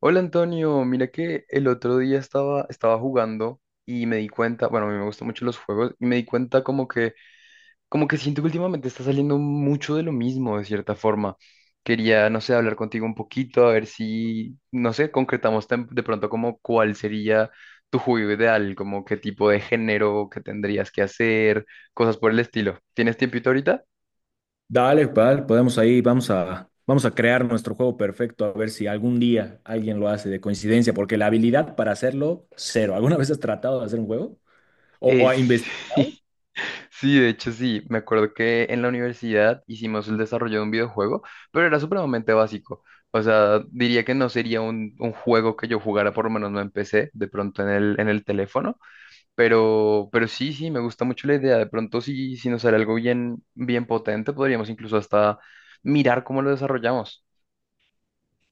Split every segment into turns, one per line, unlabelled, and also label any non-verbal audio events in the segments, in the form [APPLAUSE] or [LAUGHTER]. Hola Antonio, mira que el otro día estaba jugando y me di cuenta, bueno, a mí me gustan mucho los juegos y me di cuenta como que siento que últimamente está saliendo mucho de lo mismo de cierta forma. Quería, no sé, hablar contigo un poquito, a ver si, no sé, de pronto como cuál sería tu juego ideal, como qué tipo de género que tendrías que hacer, cosas por el estilo. ¿Tienes tiempito ahorita?
Dale, vale, podemos ahí, vamos a crear nuestro juego perfecto, a ver si algún día alguien lo hace de coincidencia, porque la habilidad para hacerlo, cero. ¿Alguna vez has tratado de hacer un juego? ¿O
Eh,
a investigar?
[LAUGHS] sí, sí, de hecho sí, me acuerdo que en la universidad hicimos el desarrollo de un videojuego, pero era supremamente básico. O sea, diría que no sería un juego que yo jugara, por lo menos no empecé, de pronto en el teléfono, pero sí, sí, me gusta mucho la idea. De pronto si, si nos sale algo bien, bien potente, podríamos incluso hasta mirar cómo lo desarrollamos.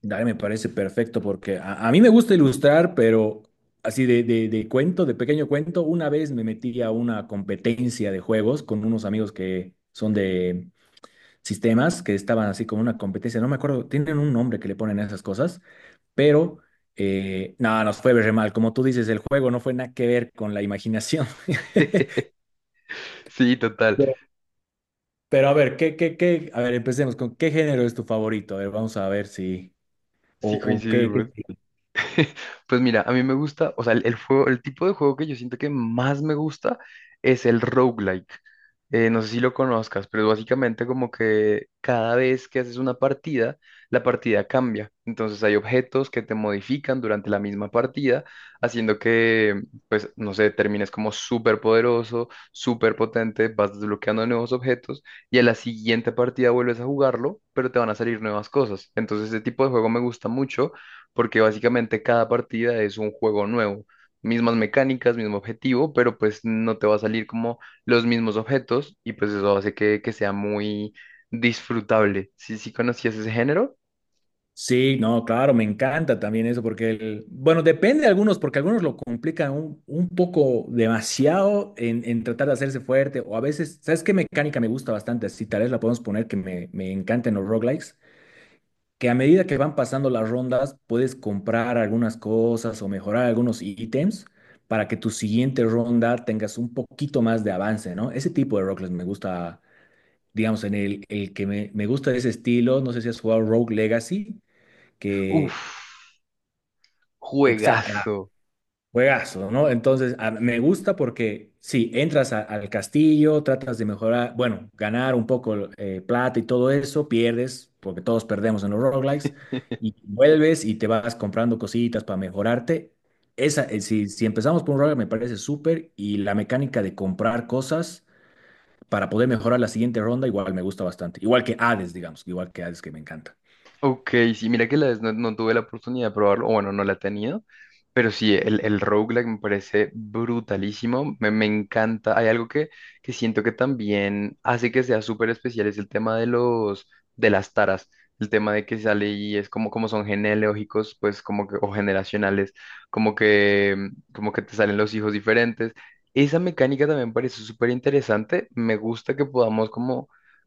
Dale, me parece perfecto, porque a mí me gusta ilustrar, pero así de cuento, de pequeño cuento, una vez me metí a una competencia de juegos con unos amigos que son de sistemas que estaban así como una competencia, no me acuerdo, tienen un nombre que le ponen a esas cosas, pero no, nos fue re mal. Como tú dices, el juego no fue nada que ver con la imaginación. [LAUGHS]
[LAUGHS] Sí, total,
Pero, pero a ver, qué? A ver, empecemos con ¿qué género es tu favorito? A ver, vamos a ver si, o,
sí
o qué,
coincidimos. [LAUGHS] Pues mira, a mí me gusta, o sea, el juego, el tipo de juego que yo siento que más me gusta es el roguelike. No sé si lo conozcas, pero es básicamente como que cada vez que haces una partida, la partida cambia. Entonces hay objetos que te modifican durante la misma partida, haciendo que, pues, no sé, termines como súper poderoso, súper potente, vas desbloqueando nuevos objetos y a la siguiente partida vuelves a jugarlo, pero te van a salir nuevas cosas. Entonces ese tipo de juego me gusta mucho porque básicamente cada partida es un juego nuevo, mismas mecánicas, mismo objetivo, pero pues no te va a salir como los mismos objetos y pues eso hace que sea muy disfrutable. Si, si conocías ese género,
Sí, no, claro, me encanta también eso, porque, bueno, depende de algunos, porque algunos lo complican un poco demasiado en tratar de hacerse fuerte, o a veces, ¿sabes qué mecánica me gusta bastante? Así tal vez la podemos poner que me encanta en los roguelikes, que a medida que van pasando las rondas, puedes comprar algunas cosas o mejorar algunos ítems para que tu siguiente ronda tengas un poquito más de avance, ¿no? Ese tipo de roguelikes me gusta, digamos, en el que me gusta de ese estilo, no sé si has jugado Rogue Legacy que
uff,
Exacto,
juegazo.
juegazo, ¿no? Entonces, me gusta porque sí, entras al castillo, tratas de mejorar, bueno, ganar un poco plata y todo eso, pierdes, porque todos perdemos en los roguelikes, y vuelves y te vas comprando cositas para mejorarte. Si empezamos por un roguelike, me parece súper, y la mecánica de comprar cosas para poder mejorar la siguiente ronda, igual me gusta bastante. Igual que Hades, digamos, igual que Hades, que me encanta.
Ok, sí, mira que la vez no, no tuve la oportunidad de probarlo, o bueno, no la he tenido, pero sí, el roguelike me parece brutalísimo, me encanta. Hay algo que siento que también hace que sea súper especial, es el tema de los, de las taras, el tema de que sale y es como, como son genealógicos, pues como que, o generacionales, como que te salen los hijos diferentes. Esa mecánica también me parece súper interesante, me gusta que podamos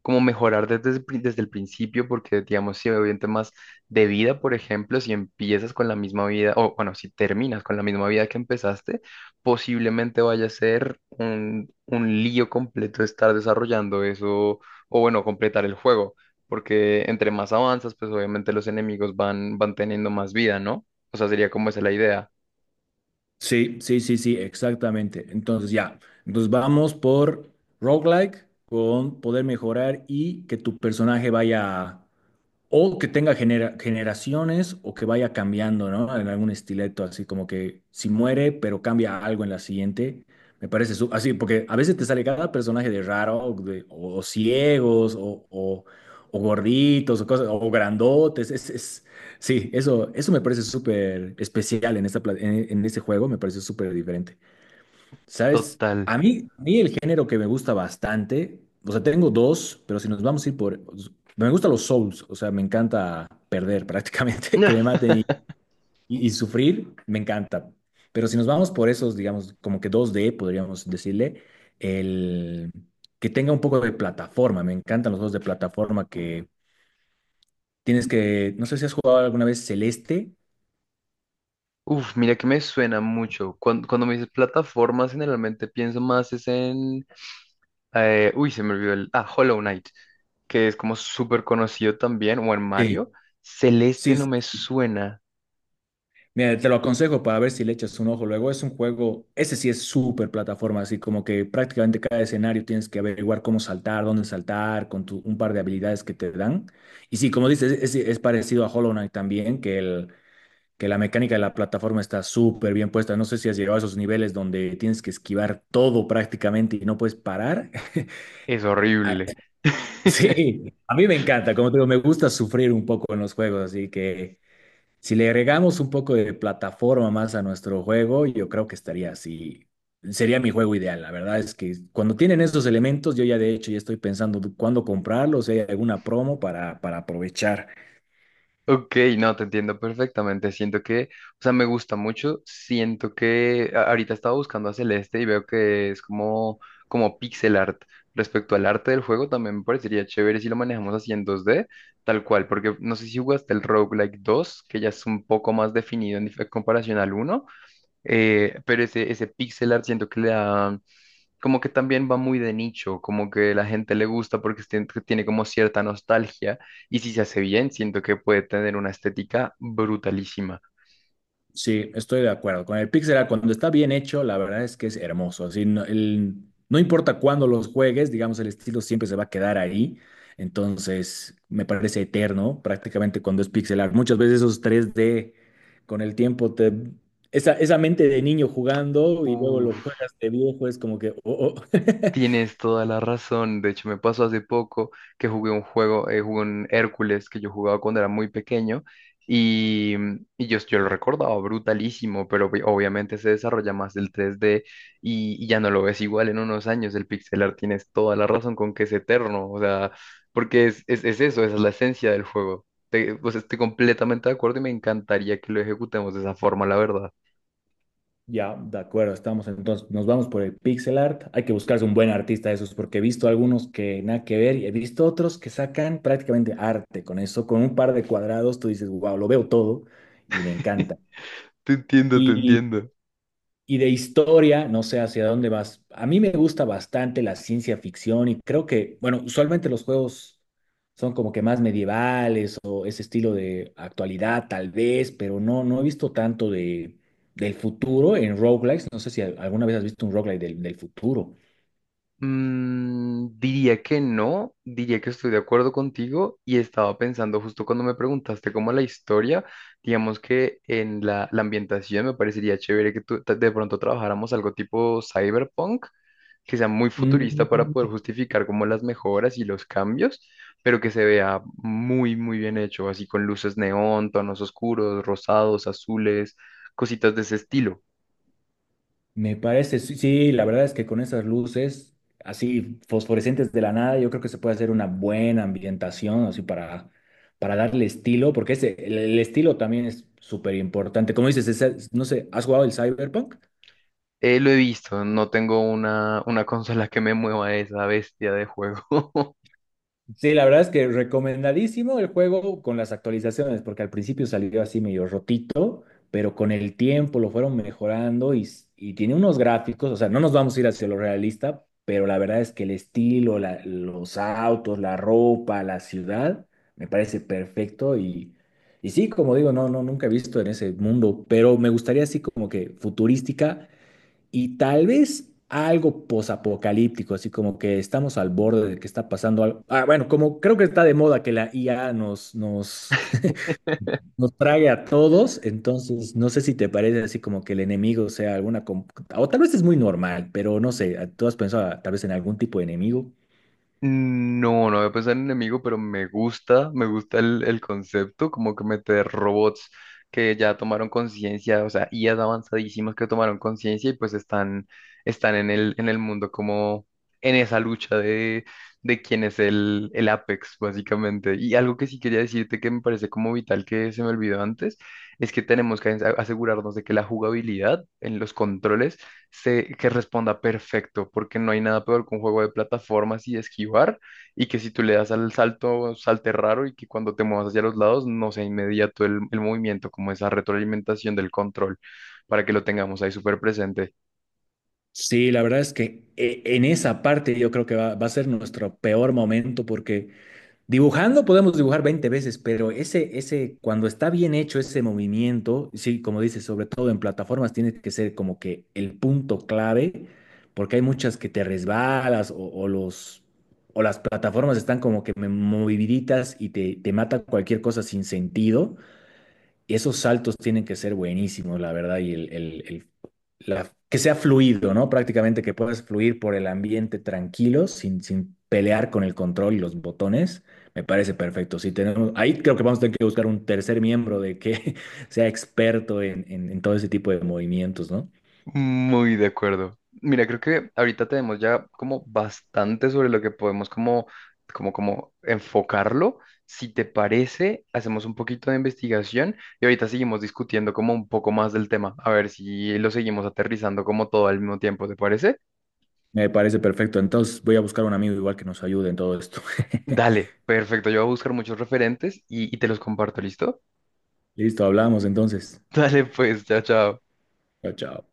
como mejorar desde, desde el principio, porque digamos, si en temas de vida, por ejemplo, si empiezas con la misma vida, o bueno, si terminas con la misma vida que empezaste, posiblemente vaya a ser un lío completo estar desarrollando eso, o bueno, completar el juego, porque entre más avanzas, pues obviamente los enemigos van, van teniendo más vida, ¿no? O sea, sería como esa la idea.
Sí, sí, sí, sí, exactamente. Entonces ya, entonces vamos por roguelike con poder mejorar y que tu personaje vaya o que tenga generaciones o que vaya cambiando, ¿no? En algún estileto, así como que si muere, pero cambia algo en la siguiente. Me parece así, porque a veces te sale cada personaje de raro, o, o ciegos, o gorditos, o cosas, o grandotes. Sí, eso, eso me parece súper especial en esta, en este juego, me parece súper diferente. ¿Sabes?
Total.
A mí el género que me gusta bastante, o sea, tengo dos, pero si nos vamos a ir por... Me gustan los souls, o sea, me encanta perder prácticamente, [LAUGHS] que me maten
[LAUGHS]
y sufrir, me encanta. Pero si nos vamos por esos, digamos, como que dos d podríamos decirle, el que tenga un poco de plataforma, me encantan los juegos de plataforma que tienes que, no sé si has jugado alguna vez Celeste.
Uf, mira que me suena mucho. Cuando, cuando me dices plataformas, generalmente pienso más es en se me olvidó el... Ah, Hollow Knight, que es como súper conocido también, o en
Sí.
Mario. Celeste no
Sí,
me suena,
mira, te lo aconsejo para ver si le echas un ojo. Luego es un juego, ese sí es súper plataforma, así como que prácticamente cada escenario tienes que averiguar cómo saltar, dónde saltar, con un par de habilidades que te dan. Y sí, como dices, es parecido a Hollow Knight también, que la mecánica de la plataforma está súper bien puesta. No sé si has llegado a esos niveles donde tienes que esquivar todo prácticamente y no puedes parar. [LAUGHS]
es
Ah,
horrible. [LAUGHS]
sí, a mí me encanta, como te digo, me gusta sufrir un poco en los juegos, así que... Si le agregamos un poco de plataforma más a nuestro juego, yo creo que estaría así. Sería mi juego ideal. La verdad es que cuando tienen esos elementos, yo ya de hecho ya estoy pensando cuándo comprarlos, si hay alguna promo para aprovechar.
Ok, no, te entiendo perfectamente. Siento que, o sea, me gusta mucho. Siento que ahorita estaba buscando a Celeste y veo que es como, como pixel art. Respecto al arte del juego, también me parecería chévere si lo manejamos así en dos d tal cual, porque no sé si jugaste el Roguelike 2, que ya es un poco más definido en comparación al uno. Pero ese, ese pixel art siento que le da, como que también va muy de nicho, como que la gente le gusta porque que tiene como cierta nostalgia y si se hace bien, siento que puede tener una estética brutalísima.
Sí, estoy de acuerdo. Con el pixel art, cuando está bien hecho, la verdad es que es hermoso. Así, no, no importa cuándo los juegues, digamos, el estilo siempre se va a quedar ahí. Entonces, me parece eterno prácticamente cuando es pixel art. Muchas veces esos tres d con el tiempo, esa mente de niño jugando y luego lo
Uf.
juegas de viejo, es como que, oh, oh. [LAUGHS]
Tienes toda la razón. De hecho, me pasó hace poco que jugué un juego, jugué un Hércules que yo jugaba cuando era muy pequeño y, y yo lo recordaba brutalísimo, pero obviamente se desarrolla más el 3D y ya no lo ves igual en unos años. El pixel art tienes toda la razón con que es eterno, o sea, porque es eso, esa es la esencia del juego. Pues estoy completamente de acuerdo y me encantaría que lo ejecutemos de esa forma, la verdad.
Ya, de acuerdo, estamos entonces, nos vamos por el pixel art. Hay que buscarse un buen artista de esos, porque he visto algunos que nada que ver y he visto otros que sacan prácticamente arte con eso, con un par de cuadrados, tú dices, wow, lo veo todo y me encanta.
[LAUGHS] Te entiendo, te entiendo.
Y de historia, no sé hacia dónde vas. A mí me gusta bastante la ciencia ficción y creo que, bueno, usualmente los juegos son como que más medievales o ese estilo de actualidad tal vez, pero no, no he visto tanto de, del futuro en roguelikes. No sé si alguna vez has visto un roguelike del futuro.
Mm, diría que no, diría que estoy de acuerdo contigo y estaba pensando justo cuando me preguntaste como la historia, digamos que en la, la ambientación me parecería chévere que tú, de pronto trabajáramos algo tipo cyberpunk, que sea muy futurista para poder
Mm.
justificar como las mejoras y los cambios, pero que se vea muy, muy bien hecho, así con luces neón, tonos oscuros, rosados, azules, cositas de ese estilo.
Me parece, sí, sí, la verdad es que con esas luces así fosforescentes de la nada, yo creo que se puede hacer una buena ambientación así para darle estilo, porque ese, el estilo también es súper importante. Como dices, no sé, ¿has jugado el Cyberpunk?
Lo he visto, no tengo una consola que me mueva esa bestia de juego.
Sí, la verdad es que recomendadísimo el juego con las actualizaciones, porque al principio salió así medio rotito, pero con el tiempo lo fueron mejorando y tiene unos gráficos, o sea, no nos vamos a ir hacia lo realista, pero la verdad es que el estilo, los autos, la ropa, la ciudad, me parece perfecto y sí, como digo, no, no, nunca he visto en ese mundo, pero me gustaría así como que futurística y tal vez algo posapocalíptico, así como que estamos al borde de que está pasando algo. Ah, bueno, como creo que está de moda que la IA nos,
[LAUGHS]
[LAUGHS] nos trague a todos, entonces no sé si te parece así como que el enemigo sea alguna, o tal vez es muy normal, pero no sé, ¿tú has pensado tal vez en algún tipo de enemigo?
No, no voy a pensar en enemigo, pero me gusta el concepto, como que meter robots que ya tomaron conciencia, o sea, IAs avanzadísimas que tomaron conciencia y pues están, están en el mundo como en esa lucha de quién es el Apex, básicamente. Y algo que sí quería decirte que me parece como vital que se me olvidó antes, es que tenemos que asegurarnos de que la jugabilidad en los controles se, que responda perfecto, porque no hay nada peor que un juego de plataformas y esquivar, y que si tú le das al salto, salte raro y que cuando te muevas hacia los lados no sea inmediato el movimiento, como esa retroalimentación del control, para que lo tengamos ahí súper presente.
Sí, la verdad es que en esa parte yo creo que va a ser nuestro peor momento porque dibujando podemos dibujar 20 veces, pero ese, cuando está bien hecho ese movimiento, sí, como dices, sobre todo en plataformas, tiene que ser como que el punto clave, porque hay muchas que te resbalas o las plataformas están como que moviditas y te mata cualquier cosa sin sentido. Y esos saltos tienen que ser buenísimos, la verdad, y que sea fluido, ¿no? Prácticamente que puedas fluir por el ambiente tranquilo, sin pelear con el control y los botones, me parece perfecto. Si tenemos, ahí creo que vamos a tener que buscar un tercer miembro de que [LAUGHS] sea experto en todo ese tipo de movimientos, ¿no?
Muy de acuerdo. Mira, creo que ahorita tenemos ya como bastante sobre lo que podemos como enfocarlo. Si te parece, hacemos un poquito de investigación y ahorita seguimos discutiendo como un poco más del tema, a ver si lo seguimos aterrizando como todo al mismo tiempo, ¿te parece?
Me parece perfecto. Entonces voy a buscar un amigo igual que nos ayude en todo esto. [LAUGHS]
Dale, perfecto. Yo voy a buscar muchos referentes y te los comparto, ¿listo?
Listo, hablamos entonces.
[LAUGHS] Dale, pues, chao, chao.
Chao, chao.